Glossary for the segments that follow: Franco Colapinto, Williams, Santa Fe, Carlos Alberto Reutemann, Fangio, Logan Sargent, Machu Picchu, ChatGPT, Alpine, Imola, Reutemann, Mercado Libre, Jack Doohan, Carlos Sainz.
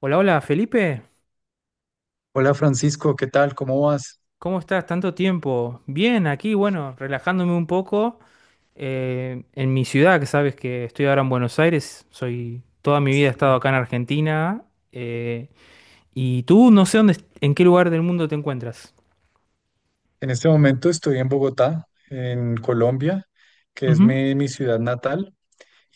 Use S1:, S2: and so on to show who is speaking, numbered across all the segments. S1: Hola, hola, Felipe.
S2: Hola Francisco, ¿qué tal? ¿Cómo vas?
S1: ¿Cómo estás? Tanto tiempo. Bien, aquí, bueno, relajándome un poco en mi ciudad, que sabes que estoy ahora en Buenos Aires. Soy, toda mi vida he estado
S2: Sí.
S1: acá en Argentina. eh, y tú, no sé dónde, en qué lugar del mundo te encuentras.
S2: En este momento estoy en Bogotá, en Colombia, que es
S1: Ujú,
S2: mi ciudad natal.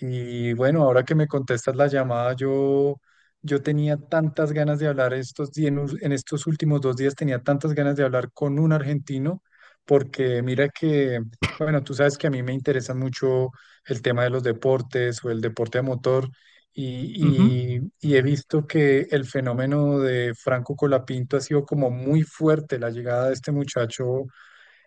S2: Y bueno, ahora que me contestas la llamada, yo tenía tantas ganas de hablar estos días, en estos últimos dos días tenía tantas ganas de hablar con un argentino, porque mira que, bueno, tú sabes que a mí me interesa mucho el tema de los deportes o el deporte a motor,
S1: ujú.
S2: y he visto que el fenómeno de Franco Colapinto ha sido como muy fuerte, la llegada de este muchacho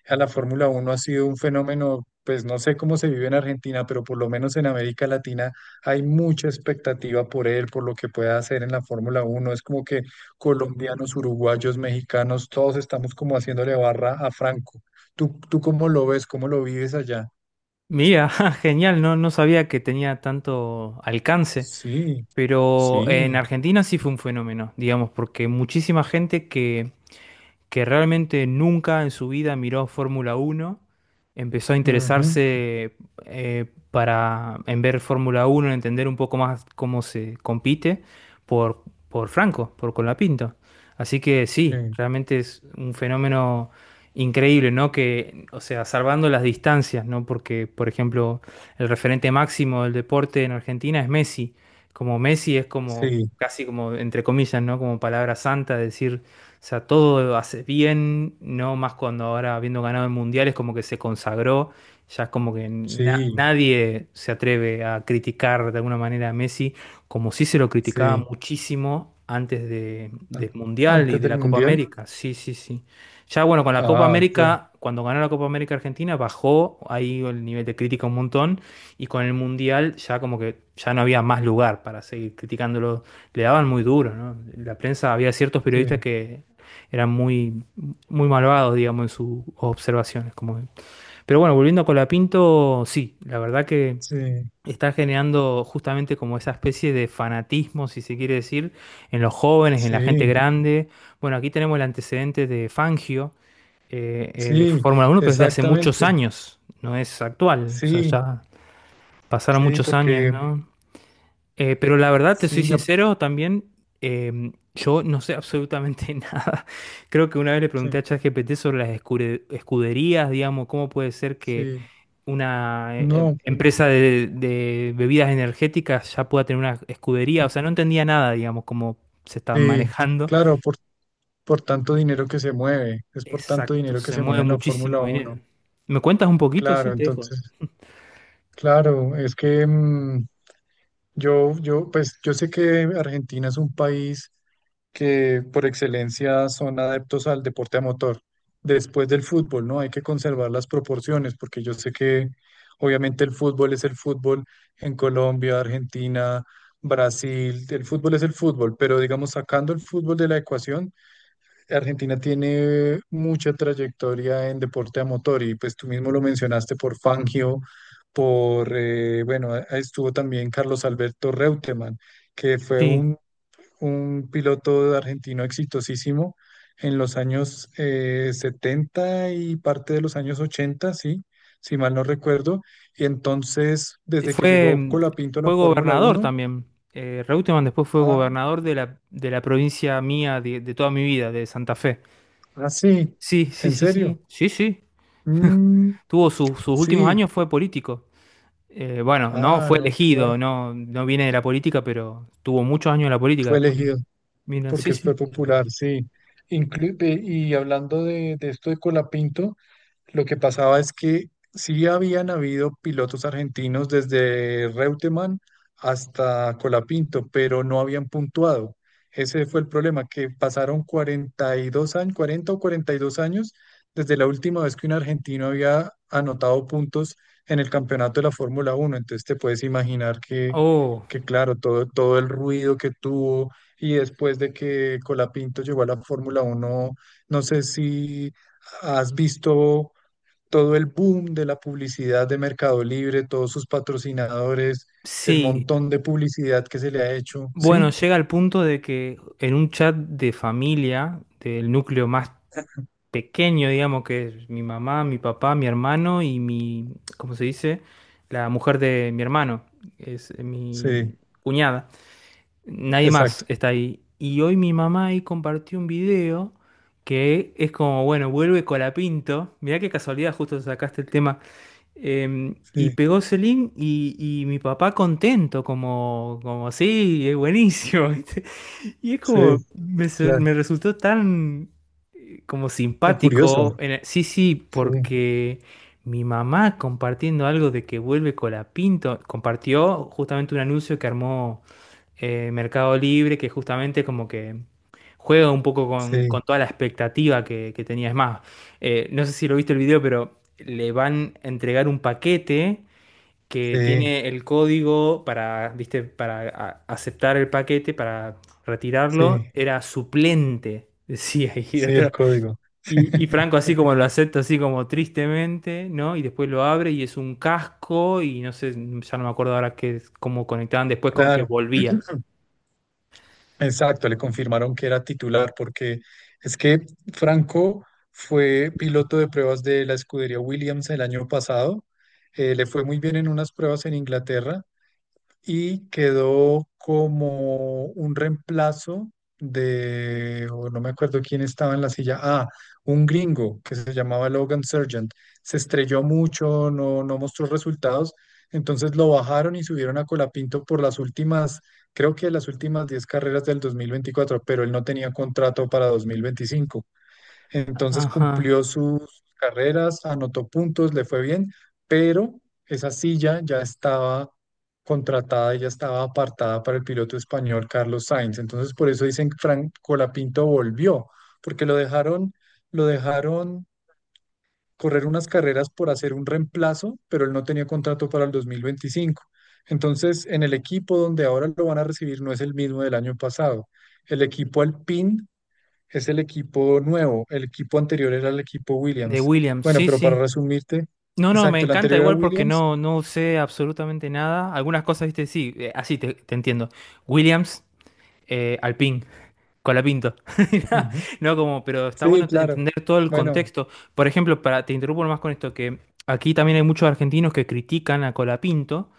S2: a la Fórmula Uno ha sido un fenómeno. Pues no sé cómo se vive en Argentina, pero por lo menos en América Latina hay mucha expectativa por él, por lo que pueda hacer en la Fórmula Uno. Es como que colombianos, uruguayos, mexicanos, todos estamos como haciéndole barra a Franco. ¿Tú cómo lo ves? ¿Cómo lo vives allá?
S1: Mira, ja, genial, no, no sabía que tenía tanto alcance,
S2: Sí,
S1: pero en
S2: sí,
S1: Argentina sí fue un fenómeno, digamos, porque muchísima gente que realmente nunca en su vida miró Fórmula Uno empezó a
S2: ujú,
S1: interesarse eh, para, en ver Fórmula Uno en entender un poco más cómo se compite por, por Franco, por Colapinto. Así que sí,
S2: eh,
S1: realmente es un fenómeno increíble, ¿no? Que, o sea, salvando las distancias, ¿no? Porque, por ejemplo, el referente máximo del deporte en Argentina es Messi. Como Messi es como,
S2: sí,
S1: casi como, entre comillas, ¿no? Como palabra santa, decir o sea, todo hace bien, no más cuando ahora habiendo ganado el mundial es como que se consagró, ya es como que
S2: sí,
S1: nadie se atreve a criticar de alguna manera a Messi, como sí se lo criticaba
S2: sí.
S1: muchísimo antes de,
S2: Ah.
S1: del mundial y
S2: Antes
S1: de
S2: del
S1: la Copa
S2: Mundial.
S1: América. Sí, sí, sí. Ya bueno, con la Copa
S2: Ah, claro,
S1: América, cuando ganó la Copa América Argentina, bajó ahí el nivel de crítica un montón y con el mundial ya como que ya no había más lugar para seguir criticándolo, le daban muy duro, ¿no? La prensa, había ciertos
S2: sí,
S1: periodistas que eran muy, muy malvados, digamos, en sus observaciones. Como… Pero bueno, volviendo a Colapinto, sí, la verdad que
S2: sí,
S1: está generando justamente como esa especie de fanatismo, si se quiere decir, en los jóvenes, en la gente
S2: sí,
S1: grande. Bueno, aquí tenemos el antecedente de Fangio, de
S2: sí,
S1: Fórmula 1, pero es de hace muchos
S2: exactamente.
S1: años, no es actual, o sea,
S2: Sí,
S1: ya pasaron
S2: sí,
S1: muchos años,
S2: porque
S1: ¿no? Pero la verdad, te soy
S2: sí, ya,
S1: sincero, también yo no sé absolutamente nada. Creo que una vez le pregunté
S2: sí,
S1: a ChatGPT sobre las escuderías, digamos, cómo puede ser que
S2: sí,
S1: una
S2: no, pero,
S1: empresa de bebidas energéticas ya pueda tener una escudería. O sea, no entendía nada, digamos, cómo se está
S2: sí,
S1: manejando.
S2: claro, por, tanto dinero que se mueve, es por tanto
S1: Exacto,
S2: dinero que
S1: se
S2: se mueve
S1: mueve
S2: en la Fórmula
S1: muchísimo
S2: Uno,
S1: dinero. ¿Me cuentas un poquito?
S2: claro,
S1: Sí, te dejo.
S2: entonces, claro, es que yo, pues yo sé que Argentina es un país que por excelencia son adeptos al deporte a motor. Después del fútbol, ¿no? Hay que conservar las proporciones, porque yo sé que obviamente el fútbol es el fútbol en Colombia, Argentina, Brasil, el fútbol es el fútbol, pero digamos, sacando el fútbol de la ecuación, Argentina tiene mucha trayectoria en deporte a motor y pues tú mismo lo mencionaste por Fangio, bueno, estuvo también Carlos Alberto Reutemann, que fue
S1: Sí.
S2: un piloto argentino exitosísimo en los años 70 y parte de los años ochenta, sí, si mal no recuerdo. Y entonces, desde que
S1: Fue,
S2: llegó Colapinto a la
S1: fue
S2: Fórmula
S1: gobernador
S2: Uno,
S1: también. Reutemann después fue
S2: ah,
S1: gobernador de la provincia mía de toda mi vida, de Santa Fe.
S2: ah, sí,
S1: Sí, sí,
S2: ¿en
S1: sí,
S2: serio?
S1: sí. Sí, sí.
S2: Mm,
S1: Tuvo sus últimos
S2: sí,
S1: años, fue político. Bueno, no
S2: ah,
S1: fue
S2: no, qué va,
S1: elegido, no, no viene de la política, pero tuvo muchos años en la política
S2: fue
S1: después.
S2: elegido
S1: Mira, sí,
S2: porque
S1: sí.
S2: fue popular, sí. Y hablando de, esto de Colapinto, lo que pasaba es que sí habían habido pilotos argentinos desde Reutemann hasta Colapinto, pero no habían puntuado. Ese fue el problema, que pasaron 42 años, 40 o 42 años desde la última vez que un argentino había anotado puntos en el campeonato de la Fórmula Uno. Entonces te puedes imaginar que,
S1: Oh,
S2: que claro, todo el ruido que tuvo y después de que Colapinto llegó a la Fórmula Uno. No sé si has visto todo el boom de la publicidad de Mercado Libre, todos sus patrocinadores, el
S1: sí.
S2: montón de publicidad que se le ha hecho.
S1: Bueno,
S2: Sí,
S1: llega al punto de que en un chat de familia, del núcleo más pequeño, digamos, que es mi mamá, mi papá, mi hermano y mi, ¿cómo se dice? La mujer de mi hermano, es mi
S2: sí,
S1: cuñada. Nadie más
S2: exacto.
S1: está ahí. Y hoy mi mamá ahí compartió un video que es como, bueno, vuelve Colapinto. Mirá qué casualidad, justo sacaste el tema. Y
S2: Sí,
S1: pegó ese link y mi papá contento, como, como, sí, es buenísimo. Y es
S2: sí,
S1: como, me,
S2: claro.
S1: me resultó tan como
S2: Está curioso.
S1: simpático. Sí, sí,
S2: Sí,
S1: porque mi mamá compartiendo algo de que vuelve Colapinto, compartió justamente un anuncio que armó Mercado Libre, que justamente como que juega un poco con
S2: sí,
S1: toda la expectativa que tenía. Es más, no sé si lo viste el video, pero le van a entregar un paquete que
S2: sí,
S1: tiene el código para, viste, para aceptar el paquete, para retirarlo,
S2: sí,
S1: era suplente, decía. Y,
S2: sí, el código.
S1: y Franco así como lo acepta, así como tristemente, ¿no? Y después lo abre y es un casco y no sé, ya no me acuerdo ahora qué, cómo conectaban después con que
S2: Claro.
S1: volvía.
S2: Exacto, le confirmaron que era titular porque es que Franco fue piloto de pruebas de la escudería Williams el año pasado. Le fue muy bien en unas pruebas en Inglaterra y quedó como un reemplazo de, o no me acuerdo quién estaba en la silla, un gringo que se llamaba Logan Sargent. Se estrelló mucho, no, no mostró resultados, entonces lo bajaron y subieron a Colapinto por las últimas, creo que las últimas 10 carreras del 2024, pero él no tenía contrato para 2025. Entonces
S1: Ajá,
S2: cumplió sus carreras, anotó puntos, le fue bien, pero esa silla ya estaba contratada y ya estaba apartada para el piloto español Carlos Sainz. Entonces por eso dicen que Frank Colapinto volvió, porque lo dejaron correr unas carreras por hacer un reemplazo, pero él no tenía contrato para el 2025. Entonces, en el equipo donde ahora lo van a recibir no es el mismo del año pasado. El equipo Alpine es el equipo nuevo, el equipo anterior era el equipo
S1: de
S2: Williams.
S1: Williams,
S2: Bueno,
S1: sí,
S2: pero para
S1: sí.
S2: resumirte,
S1: No, no, me
S2: exacto, el
S1: encanta
S2: anterior era
S1: igual porque
S2: Williams.
S1: no, no usé absolutamente nada. Algunas cosas, viste, sí, así te, te entiendo. Williams, Alpine. Colapinto.
S2: Ujú.
S1: No, como, pero está
S2: Sí,
S1: bueno
S2: claro.
S1: entender todo el
S2: Bueno,
S1: contexto. Por ejemplo, para, te interrumpo más con esto, que aquí también hay muchos argentinos que critican a Colapinto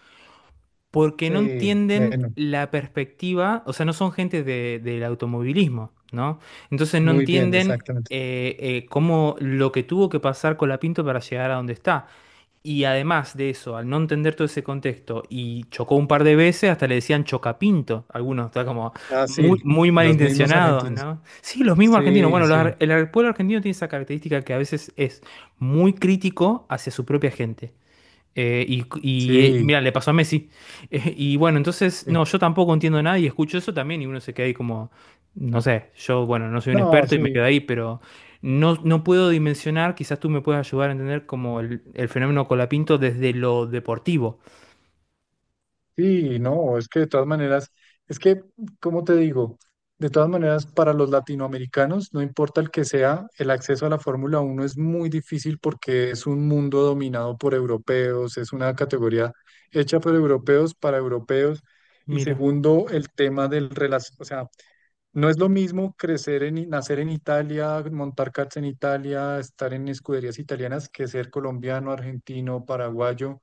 S1: porque no
S2: sí,
S1: entienden
S2: bueno,
S1: la perspectiva, o sea, no son gente del automovilismo, ¿no? Entonces no
S2: muy bien,
S1: entienden
S2: exactamente.
S1: cómo lo que tuvo que pasar Colapinto para llegar a donde está. Y además de eso, al no entender todo ese contexto y chocó un par de veces, hasta le decían chocapinto. Algunos, está como
S2: Ah, sí,
S1: muy, muy
S2: los mismos
S1: malintencionados,
S2: argentinos.
S1: ¿no? Sí, los mismos argentinos.
S2: Sí,
S1: Bueno, los
S2: sí,
S1: ar- el ar- pueblo argentino tiene esa característica que a veces es muy crítico hacia su propia gente.
S2: sí,
S1: Mira, le pasó a Messi. Y bueno, entonces,
S2: sí.
S1: no, yo tampoco entiendo nada y escucho eso también y uno se queda ahí como, no sé, yo, bueno, no soy un
S2: No,
S1: experto y me
S2: sí.
S1: quedo ahí, pero no, no puedo dimensionar, quizás tú me puedas ayudar a entender como el fenómeno Colapinto desde lo deportivo.
S2: Sí, no, es que de todas maneras, es que, ¿como te digo? De todas maneras, para los latinoamericanos, no importa el que sea, el acceso a la Fórmula Uno es muy difícil porque es un mundo dominado por europeos, es una categoría hecha por europeos para europeos. Y
S1: Mira,
S2: segundo, el tema del relación, o sea, no es lo mismo crecer en, nacer en Italia, montar karts en Italia, estar en escuderías italianas que ser colombiano, argentino, paraguayo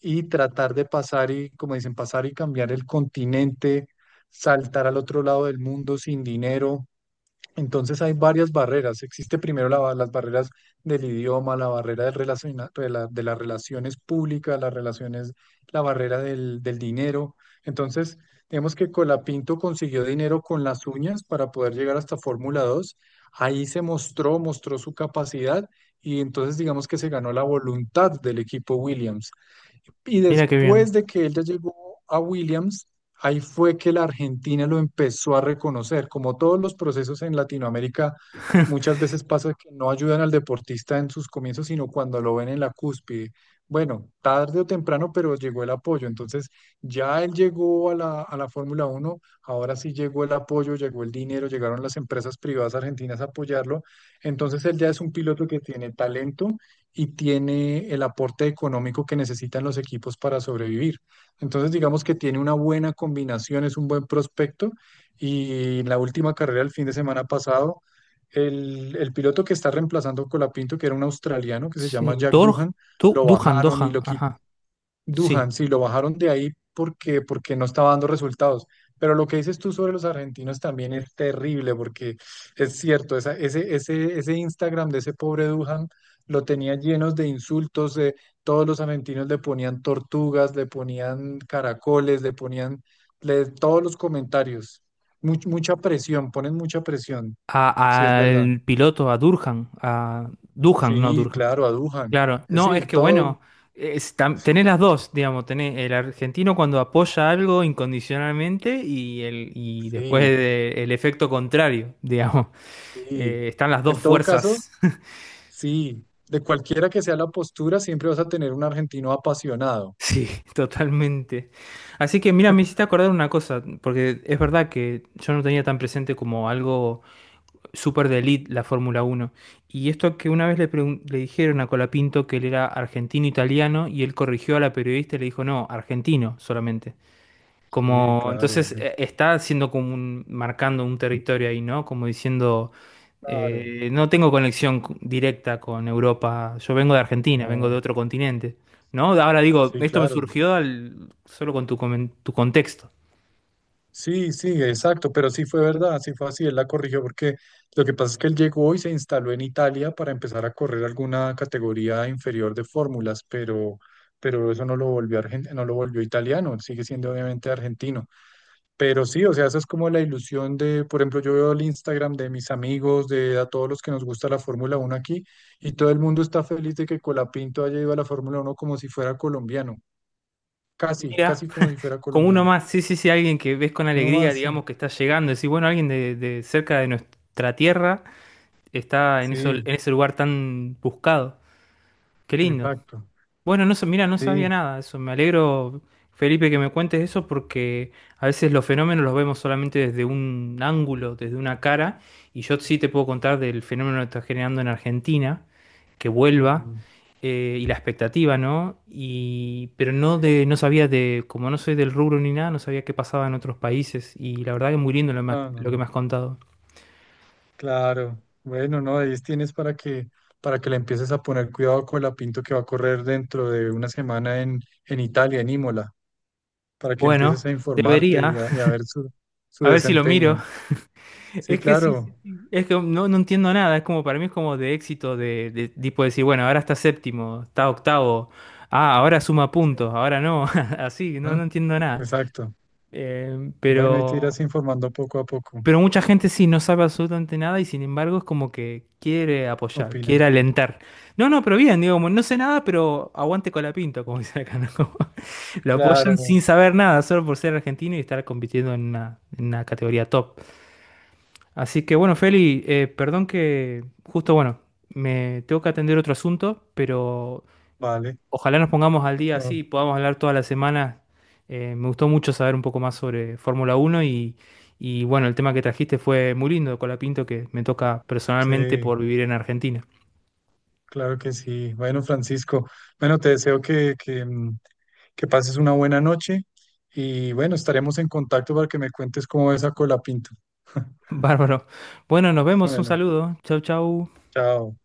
S2: y tratar de pasar y, como dicen, pasar y cambiar el continente, saltar al otro lado del mundo sin dinero. Entonces hay varias barreras. Existe primero las barreras del idioma, la barrera de las relaciones públicas, las relaciones, la barrera del dinero. Entonces, digamos que Colapinto consiguió dinero con las uñas para poder llegar hasta Fórmula dos. Ahí se mostró, mostró su capacidad y entonces digamos que se ganó la voluntad del equipo Williams. Y
S1: mira qué
S2: después
S1: bien.
S2: de que él ya llegó a Williams, ahí fue que la Argentina lo empezó a reconocer. Como todos los procesos en Latinoamérica, muchas veces pasa que no ayudan al deportista en sus comienzos, sino cuando lo ven en la cúspide. Bueno, tarde o temprano, pero llegó el apoyo. Entonces, ya él llegó a la, Fórmula Uno, ahora sí llegó el apoyo, llegó el dinero, llegaron las empresas privadas argentinas a apoyarlo. Entonces, él ya es un piloto que tiene talento y tiene el aporte económico que necesitan los equipos para sobrevivir. Entonces, digamos que tiene una buena combinación, es un buen prospecto y en la última carrera el fin de semana pasado, el piloto que está reemplazando a Colapinto, que era un australiano que se
S1: Sí,
S2: llama Jack
S1: Dor,
S2: Doohan, lo
S1: Duhan,
S2: bajaron y
S1: Dohan,
S2: lo quitaron.
S1: ajá, sí.
S2: Duhan, sí, lo bajaron de ahí porque no estaba dando resultados. Pero lo que dices tú sobre los argentinos también es terrible, porque es cierto, ese Instagram de ese pobre Duhan lo tenía llenos de insultos, de todos los argentinos le ponían tortugas, le ponían caracoles, le ponían, todos los comentarios. Mucha presión, ponen mucha presión, si es verdad.
S1: Al piloto, a Durhan, a Duhan, no
S2: Sí,
S1: Durhan.
S2: claro, a Duhan.
S1: Claro, no, es
S2: Sí,
S1: que
S2: todo,
S1: bueno, es tenés las dos, digamos, tenés el argentino cuando apoya algo incondicionalmente y, el, y después
S2: sí,
S1: el efecto contrario, digamos.
S2: sí.
S1: Están las dos
S2: En todo caso.
S1: fuerzas,
S2: Sí, de cualquiera que sea la postura, siempre vas a tener un argentino apasionado.
S1: sí, totalmente. Así que mira, me hiciste acordar una cosa, porque es verdad que yo no tenía tan presente como algo súper de elite la Fórmula Uno. Y esto que una vez le, le dijeron a Colapinto que él era argentino-italiano y él corrigió a la periodista y le dijo, no, argentino solamente.
S2: Sí,
S1: Como,
S2: claro,
S1: entonces
S2: argentino.
S1: está haciendo como un, marcando un territorio ahí, ¿no? Como diciendo,
S2: Claro,
S1: no tengo conexión directa con Europa, yo vengo de Argentina, vengo de
S2: no,
S1: otro continente, ¿no? Ahora digo,
S2: sí,
S1: esto me
S2: claro.
S1: surgió solo con tu, tu contexto.
S2: Sí, sí, exacto, pero sí fue verdad, sí fue así, él la corrigió porque lo que pasa es que él llegó y se instaló en Italia para empezar a correr alguna categoría inferior de fórmulas, pero, eso no lo volvió no lo volvió italiano, él sigue siendo obviamente argentino. Pero sí, o sea, esa es como la ilusión de, por ejemplo, yo veo el Instagram de mis amigos, de a todos los que nos gusta la Fórmula Uno aquí, y todo el mundo está feliz de que Colapinto haya ido a la Fórmula Uno como si fuera colombiano, casi,
S1: Mira,
S2: casi como si fuera
S1: con uno
S2: colombiano.
S1: más, sí, sí, sí, alguien que ves con
S2: Uno
S1: alegría,
S2: más, sí.
S1: digamos, que está llegando, decís, bueno, alguien de cerca de nuestra tierra está en, eso, en
S2: Sí,
S1: ese lugar tan buscado. Qué lindo.
S2: exacto.
S1: Bueno, no, mira, no
S2: Sí.
S1: sabía nada de eso. Me alegro, Felipe, que me cuentes eso porque a veces los fenómenos los vemos solamente desde un ángulo, desde una cara. Y yo sí te puedo contar del fenómeno que está generando en Argentina, que vuelva,
S2: Mm,
S1: y la expectativa, ¿no? Y, pero
S2: sí.
S1: no de, no sabía de, como no soy del rubro ni nada, no sabía qué pasaba en otros países. Y la verdad que muy lindo lo,
S2: No, no,
S1: lo que
S2: no.
S1: me has contado.
S2: Claro. Bueno, no, ahí tienes para que, le empieces a poner cuidado a Colapinto que va a correr dentro de una semana en, Italia, en Imola. Para que empieces
S1: Bueno,
S2: a informarte
S1: debería,
S2: y a ver su
S1: a ver si lo miro.
S2: desempeño. Sí,
S1: Es que sí, sí,
S2: claro.
S1: sí. Es que no, no entiendo nada, es como para mí es como de éxito, de tipo decir, bueno, ahora está séptimo, está octavo, ah, ahora suma
S2: Sí,
S1: puntos, ahora no, así, no,
S2: ¿no?
S1: no entiendo nada.
S2: Exacto.
S1: Eh,
S2: Bueno, y te
S1: pero,
S2: irás informando poco a poco,
S1: pero mucha gente sí no sabe absolutamente nada y sin embargo es como que quiere apoyar, quiere
S2: opinan.
S1: alentar. No, no, pero bien, digo, como, no sé nada, pero aguante con la pinta, como dice acá, ¿no? Como lo apoyan
S2: Claro,
S1: sin saber nada, solo por ser argentino y estar compitiendo en una categoría top. Así que bueno, Feli, perdón que justo, bueno, me tengo que atender otro asunto, pero
S2: vale.
S1: ojalá nos pongamos al día así
S2: No,
S1: y podamos hablar toda la semana. Me gustó mucho saber un poco más sobre Fórmula Uno y bueno, el tema que trajiste fue muy lindo, Colapinto, que me toca personalmente
S2: sí,
S1: por vivir en Argentina.
S2: claro que sí. Bueno, Francisco, bueno, te deseo que pases una buena noche y bueno, estaremos en contacto para que me cuentes cómo ves a Colapinto.
S1: Bárbaro. Bueno, nos vemos, un
S2: Bueno,
S1: saludo. Chau, chau.
S2: chao.